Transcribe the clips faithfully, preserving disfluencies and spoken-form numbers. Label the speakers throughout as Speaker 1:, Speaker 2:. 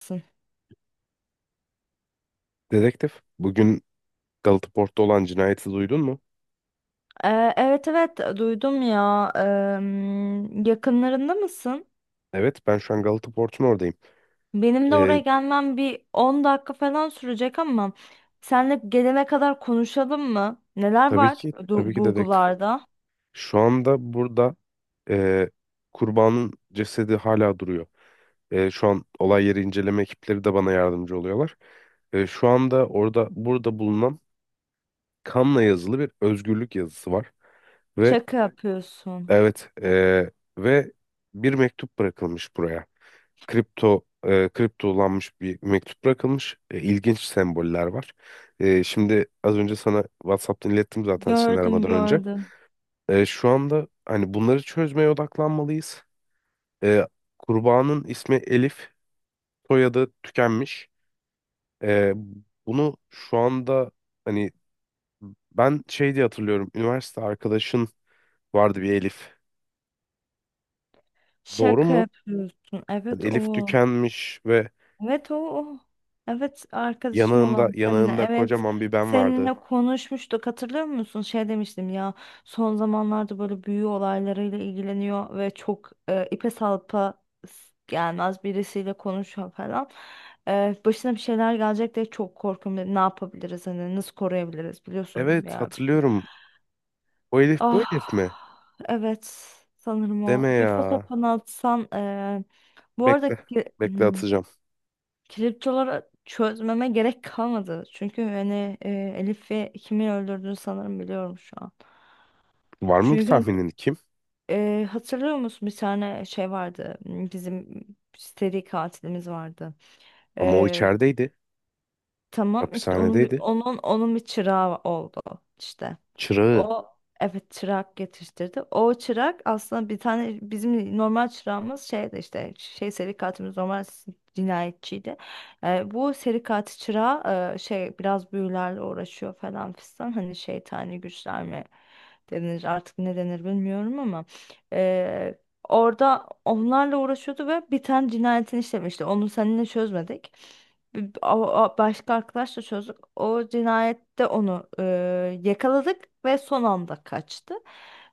Speaker 1: Mısın?
Speaker 2: Dedektif, bugün Galata Port'ta olan cinayeti duydun mu?
Speaker 1: Ee, evet evet e, duydum ya. Em, yakınlarında mısın?
Speaker 2: Evet, ben şu an Galata Port'un oradayım.
Speaker 1: Benim de oraya
Speaker 2: Ee,
Speaker 1: gelmem bir on dakika falan sürecek ama senle gelene kadar konuşalım mı? Neler
Speaker 2: tabii
Speaker 1: var,
Speaker 2: ki, tabii
Speaker 1: du-
Speaker 2: ki dedektif.
Speaker 1: bulgularda?
Speaker 2: Şu anda burada e, kurbanın cesedi hala duruyor. E, şu an olay yeri inceleme ekipleri de bana yardımcı oluyorlar. E, şu anda orada, burada bulunan kanla yazılı bir özgürlük yazısı var. Ve
Speaker 1: Şaka yapıyorsun.
Speaker 2: evet, e, ve bir mektup bırakılmış buraya. Kripto e, kriptolanmış bir mektup bırakılmış. E, ilginç semboller var. E, şimdi az önce sana WhatsApp'tan ilettim zaten seni
Speaker 1: Gördüm
Speaker 2: aramadan önce.
Speaker 1: gördüm.
Speaker 2: E, şu anda hani bunları çözmeye odaklanmalıyız. E, Kurbanın ismi Elif, soyadı tükenmiş. E, Bunu şu anda hani ben şey diye hatırlıyorum. Üniversite arkadaşın vardı bir Elif. Doğru
Speaker 1: Şaka
Speaker 2: mu?
Speaker 1: yapıyorsun.
Speaker 2: Yani
Speaker 1: Evet,
Speaker 2: Elif
Speaker 1: o.
Speaker 2: tükenmiş ve
Speaker 1: Evet, o. o. Evet, arkadaşım
Speaker 2: yanağında
Speaker 1: olan seninle.
Speaker 2: yanağında
Speaker 1: Evet,
Speaker 2: kocaman bir ben vardı.
Speaker 1: seninle konuşmuştuk, hatırlıyor musun? Şey demiştim ya, son zamanlarda böyle büyü olaylarıyla ilgileniyor ve çok e, ipe salpa s- gelmez birisiyle konuşuyor falan. E, başına bir şeyler gelecek diye çok korkuyorum dedim. Ne yapabiliriz, hani nasıl koruyabiliriz, biliyorsun
Speaker 2: Evet,
Speaker 1: ya.
Speaker 2: hatırlıyorum. O Elif bu
Speaker 1: Ah,
Speaker 2: Elif mi?
Speaker 1: evet, sanırım o.
Speaker 2: Deme
Speaker 1: Bir
Speaker 2: ya.
Speaker 1: fotoğrafını atsan e, bu
Speaker 2: Bekle.
Speaker 1: arada ki-
Speaker 2: Bekle,
Speaker 1: hmm,
Speaker 2: atacağım.
Speaker 1: kriptoları çözmeme gerek kalmadı. Çünkü hani e, Elif ve kimi öldürdüğünü sanırım biliyorum şu an.
Speaker 2: Var mı bir
Speaker 1: Çünkü hani,
Speaker 2: tahminin kim?
Speaker 1: e, hatırlıyor musun, bir tane şey vardı. m, Bizim seri katilimiz vardı.
Speaker 2: Ama o
Speaker 1: E,
Speaker 2: içerideydi.
Speaker 1: tamam işte onun bir,
Speaker 2: Hapishanedeydi.
Speaker 1: onun onun bir çırağı oldu işte.
Speaker 2: Çırağı.
Speaker 1: O, evet, çırak yetiştirdi. O çırak aslında bir tane bizim normal çırağımız şeydi işte, şey, seri katilimiz normal s- cinayetçiydi. Ee, bu seri katil çırağı e, şey, biraz büyülerle uğraşıyor falan fistan, hani şeytani güçler mi denir artık ne denir bilmiyorum, ama e, orada onlarla uğraşıyordu ve bir tane cinayetini işlemişti. Onu seninle çözmedik. Bir- a- a- Başka arkadaşla çözdük. O cinayette onu e, yakaladık ve son anda kaçtı.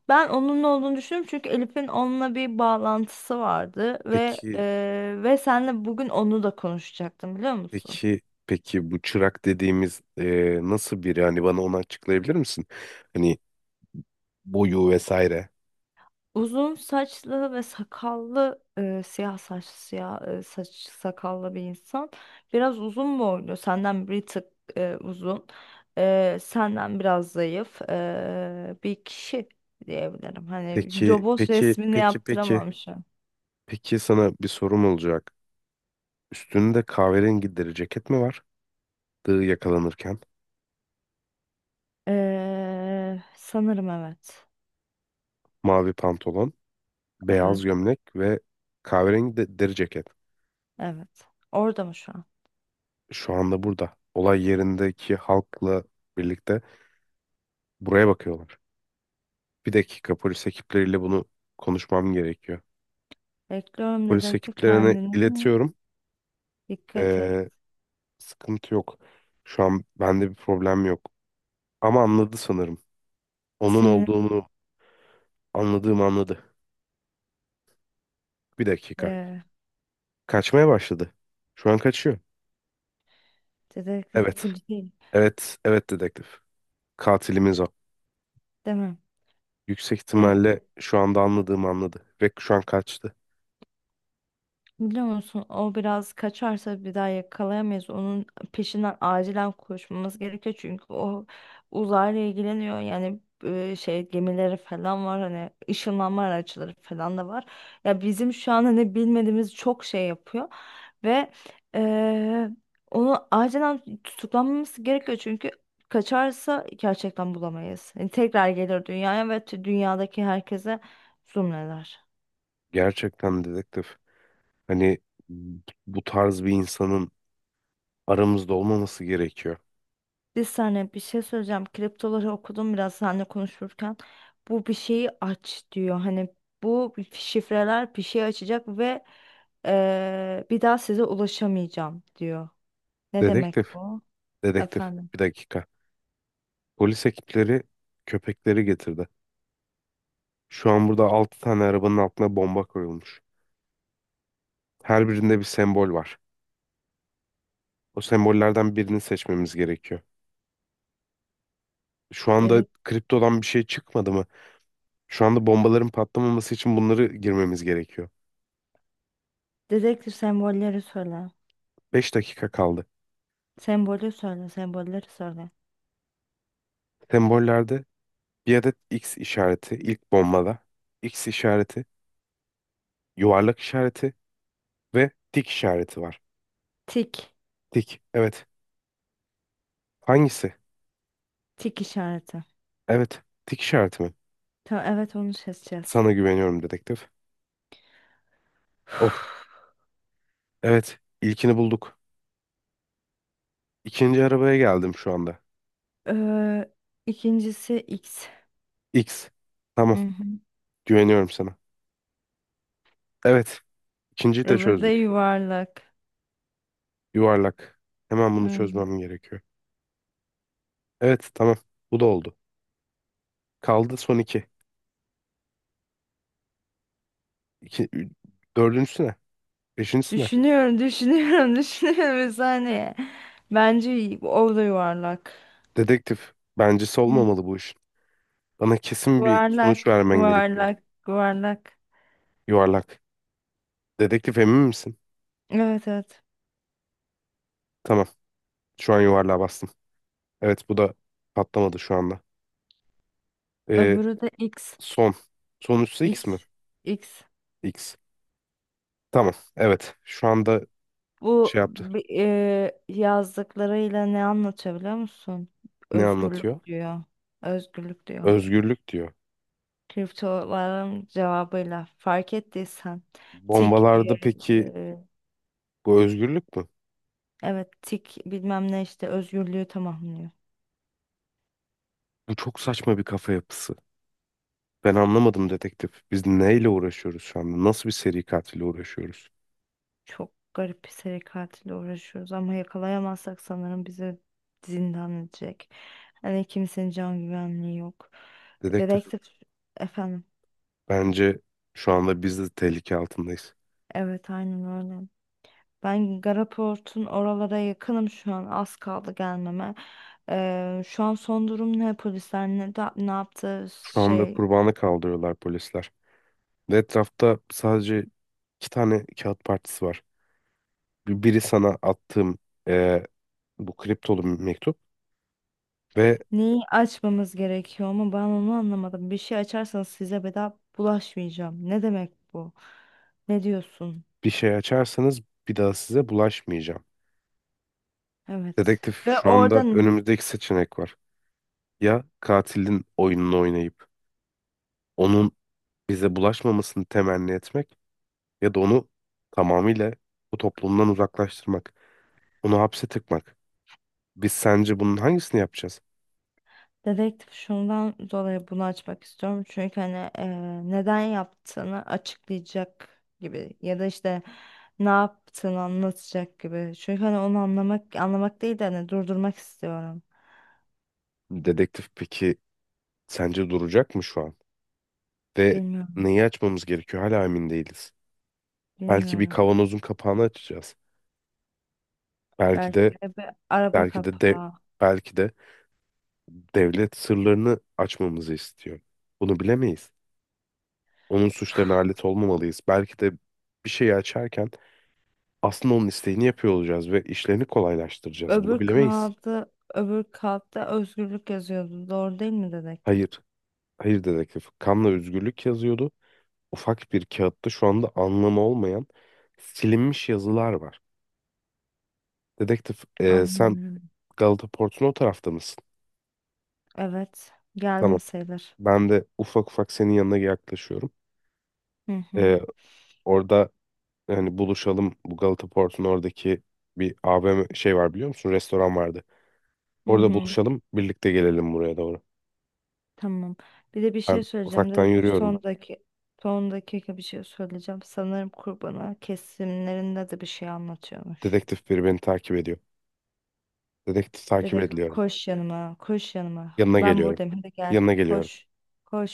Speaker 1: Ben onun ne olduğunu düşünüyorum, çünkü Elif'in onunla bir bağlantısı vardı ve
Speaker 2: Peki,
Speaker 1: e, ve senle bugün onu da konuşacaktım, biliyor musun?
Speaker 2: peki, peki bu çırak dediğimiz e, nasıl biri? Hani bana onu açıklayabilir misin? Hani boyu vesaire.
Speaker 1: Uzun saçlı ve sakallı e, siyah saç siyah e, saç sakallı bir insan. Biraz uzun boylu, senden bir tık e, uzun, e, senden biraz zayıf e, bir kişi diyebilirim. Hani
Speaker 2: Peki,
Speaker 1: robot
Speaker 2: peki,
Speaker 1: resmini
Speaker 2: peki, peki.
Speaker 1: yaptıramam şu an.
Speaker 2: Peki sana bir sorum olacak. Üstünde kahverengi deri ceket mi var? Dığı yakalanırken.
Speaker 1: Ee, sanırım evet.
Speaker 2: Mavi pantolon, beyaz
Speaker 1: Evet,
Speaker 2: gömlek ve kahverengi de deri ceket.
Speaker 1: evet. Orada mı şu an?
Speaker 2: Şu anda burada. Olay yerindeki halkla birlikte buraya bakıyorlar. Bir dakika polis ekipleriyle bunu konuşmam gerekiyor.
Speaker 1: Bekliyorum
Speaker 2: Polis
Speaker 1: dedektif,
Speaker 2: ekiplerine
Speaker 1: kendine
Speaker 2: iletiyorum.
Speaker 1: dikkat et.
Speaker 2: Ee, sıkıntı yok. Şu an bende bir problem yok. Ama anladı sanırım. Onun
Speaker 1: Seni
Speaker 2: olduğunu anladığımı anladı. Bir dakika.
Speaker 1: e,
Speaker 2: Kaçmaya başladı. Şu an kaçıyor.
Speaker 1: dedektif
Speaker 2: Evet.
Speaker 1: polis değil,
Speaker 2: Evet. Evet dedektif. Katilimiz o.
Speaker 1: değil mi?
Speaker 2: Yüksek ihtimalle şu anda anladığımı anladı. Ve şu an kaçtı.
Speaker 1: Biliyor musun, o biraz kaçarsa bir daha yakalayamayız. Onun peşinden acilen koşmamız gerekiyor. Çünkü o uzayla ilgileniyor. Yani e, şey gemileri falan var. Hani ışınlanma araçları falan da var. Ya, bizim şu an hani bilmediğimiz çok şey yapıyor. Ve e, onu acilen tutuklanmamız gerekiyor. Çünkü kaçarsa gerçekten bulamayız. Yani tekrar gelir dünyaya ve t- dünyadaki herkese zulmeder.
Speaker 2: Gerçekten dedektif. Hani bu tarz bir insanın aramızda olmaması gerekiyor.
Speaker 1: Bir saniye, bir şey söyleyeceğim. Kriptoları okudum biraz seninle konuşurken. Bu, bir şeyi aç diyor. Hani bu şifreler bir şey açacak ve eee, bir daha size ulaşamayacağım diyor. Ne demek
Speaker 2: Dedektif,
Speaker 1: bu?
Speaker 2: dedektif.
Speaker 1: Efendim.
Speaker 2: Bir dakika. Polis ekipleri köpekleri getirdi. Şu an burada altı tane arabanın altına bomba koyulmuş. Her birinde bir sembol var. O sembollerden birini seçmemiz gerekiyor. Şu anda
Speaker 1: Dedek
Speaker 2: kriptodan bir şey çıkmadı mı? Şu anda bombaların patlamaması için bunları girmemiz gerekiyor.
Speaker 1: dedektif sembolleri söyle.
Speaker 2: Beş dakika kaldı.
Speaker 1: Sembolü söyle, sembolleri söyle.
Speaker 2: Sembollerde bir adet X işareti ilk bombada. X işareti, yuvarlak işareti ve tik işareti var.
Speaker 1: Tik.
Speaker 2: Tik. Evet. Hangisi?
Speaker 1: Tik işareti.
Speaker 2: Evet. Tik işareti mi?
Speaker 1: Tamam, evet, onu seçeceğiz.
Speaker 2: Sana güveniyorum dedektif. Of. Evet. İlkini bulduk. İkinci arabaya geldim şu anda.
Speaker 1: Eee ikincisi X.
Speaker 2: X. Tamam.
Speaker 1: Hı hı.
Speaker 2: Güveniyorum sana. Evet. İkinciyi de
Speaker 1: Öbürü de
Speaker 2: çözdük.
Speaker 1: yuvarlak.
Speaker 2: Yuvarlak. Hemen bunu
Speaker 1: Hı.
Speaker 2: çözmem gerekiyor. Evet. Tamam. Bu da oldu. Kaldı son iki. İki, ü- Dördüncüsü ne? Beşincisi ne?
Speaker 1: Düşünüyorum, düşünüyorum, düşünüyorum bir saniye. Bence o da yuvarlak.
Speaker 2: Dedektif. Bencesi
Speaker 1: Hmm.
Speaker 2: olmamalı bu iş. Bana kesin bir
Speaker 1: Yuvarlak,
Speaker 2: sonuç vermen gerekiyor.
Speaker 1: yuvarlak, yuvarlak.
Speaker 2: Yuvarlak. Dedektif emin misin?
Speaker 1: Evet, evet.
Speaker 2: Tamam. Şu an yuvarlığa bastım. Evet, bu da patlamadı şu anda. Ee,
Speaker 1: Öbürü de X.
Speaker 2: son. Sonuncusu X mi?
Speaker 1: X. X.
Speaker 2: X. Tamam. Evet. Şu anda
Speaker 1: Bu
Speaker 2: şey yaptı.
Speaker 1: bi- e, yazdıklarıyla ne anlatıyor, biliyor musun?
Speaker 2: Ne anlatıyor?
Speaker 1: Özgürlük diyor. Özgürlük diyor.
Speaker 2: Özgürlük diyor.
Speaker 1: Kriptoların cevabıyla fark ettiysen, tik e,
Speaker 2: Bombalarda peki
Speaker 1: e,
Speaker 2: bu özgürlük mü?
Speaker 1: evet, tik bilmem ne işte özgürlüğü tamamlıyor.
Speaker 2: Bu çok saçma bir kafa yapısı. Ben anlamadım dedektif. Biz neyle uğraşıyoruz şu anda? Nasıl bir seri katille uğraşıyoruz?
Speaker 1: Çok garip bir seri katille uğraşıyoruz, ama yakalayamazsak sanırım bizi zindan edecek. Hani kimsenin can güvenliği yok.
Speaker 2: Dedektif.
Speaker 1: Dedektif. Efendim.
Speaker 2: Bence şu anda biz de tehlike altındayız.
Speaker 1: Evet, aynen öyle. Ben Garaport'un oralara yakınım şu an. Az kaldı gelmeme. Ee, şu an son durum ne? Polisler ne, da- ne yaptı?
Speaker 2: Şu anda
Speaker 1: Şey,
Speaker 2: kurbanı kaldırıyorlar polisler. Ve etrafta sadece iki tane kağıt partisi var. Bir- biri sana attığım e, bu kriptolu bir mektup ve
Speaker 1: neyi açmamız gerekiyor, ama ben onu anlamadım. Bir şey açarsanız size bedava bulaşmayacağım. Ne demek bu? Ne diyorsun?
Speaker 2: bir şey açarsanız bir daha size bulaşmayacağım.
Speaker 1: Evet.
Speaker 2: Dedektif,
Speaker 1: Ve
Speaker 2: şu anda
Speaker 1: oradan,
Speaker 2: önümüzdeki seçenek var. Ya katilin oyununu oynayıp onun bize bulaşmamasını temenni etmek ya da onu tamamıyla bu toplumdan uzaklaştırmak, onu hapse tıkmak. Biz sence bunun hangisini yapacağız?
Speaker 1: dedektif, şundan dolayı bunu açmak istiyorum. Çünkü hani eee, neden yaptığını açıklayacak gibi, ya da işte ne yaptığını anlatacak gibi. Çünkü hani onu anlamak anlamak değil de, hani, durdurmak istiyorum.
Speaker 2: Dedektif peki sence duracak mı şu an? Ve
Speaker 1: Bilmiyorum,
Speaker 2: neyi açmamız gerekiyor? Hala emin değiliz. Belki bir
Speaker 1: bilmiyorum.
Speaker 2: kavanozun kapağını açacağız. Belki
Speaker 1: Belki
Speaker 2: de
Speaker 1: de bir araba
Speaker 2: Belki de, de
Speaker 1: kapağı.
Speaker 2: belki de devlet sırlarını açmamızı istiyor. Bunu bilemeyiz. Onun suçlarına alet olmamalıyız. Belki de bir şeyi açarken aslında onun isteğini yapıyor olacağız ve işlerini kolaylaştıracağız. Bunu
Speaker 1: Öbür
Speaker 2: bilemeyiz.
Speaker 1: kağıdı, öbür kağıtta özgürlük yazıyordu. Doğru değil mi dedektif?
Speaker 2: Hayır, hayır dedektif. Kanla özgürlük yazıyordu. Ufak bir kağıtta şu anda anlamı olmayan silinmiş yazılar var. Dedektif, e, sen
Speaker 1: Anlamıyorum.
Speaker 2: Galata Port'un o tarafta mısın?
Speaker 1: Evet,
Speaker 2: Tamam.
Speaker 1: geldim sayılır.
Speaker 2: Ben de ufak ufak senin yanına yaklaşıyorum.
Speaker 1: Hı hı.
Speaker 2: E, orada hani buluşalım, bu Galata Port'un oradaki bir A V M şey var, biliyor musun? Restoran vardı.
Speaker 1: Hı
Speaker 2: Orada
Speaker 1: hı.
Speaker 2: buluşalım, birlikte gelelim buraya doğru.
Speaker 1: Tamam. Bir de bir
Speaker 2: Ben
Speaker 1: şey söyleyeceğim.
Speaker 2: ufaktan
Speaker 1: Dedik ki, son
Speaker 2: yürüyorum.
Speaker 1: dakika, son dakika bir şey söyleyeceğim. Sanırım kurbana kesimlerinde de bir şey anlatıyormuş.
Speaker 2: Dedektif, biri beni takip ediyor. Dedektif, takip
Speaker 1: Dedi ki,
Speaker 2: ediliyorum.
Speaker 1: koş yanıma, koş yanıma.
Speaker 2: Yanına
Speaker 1: Ben
Speaker 2: geliyorum.
Speaker 1: buradayım, hadi gel,
Speaker 2: Yanına geliyorum.
Speaker 1: koş.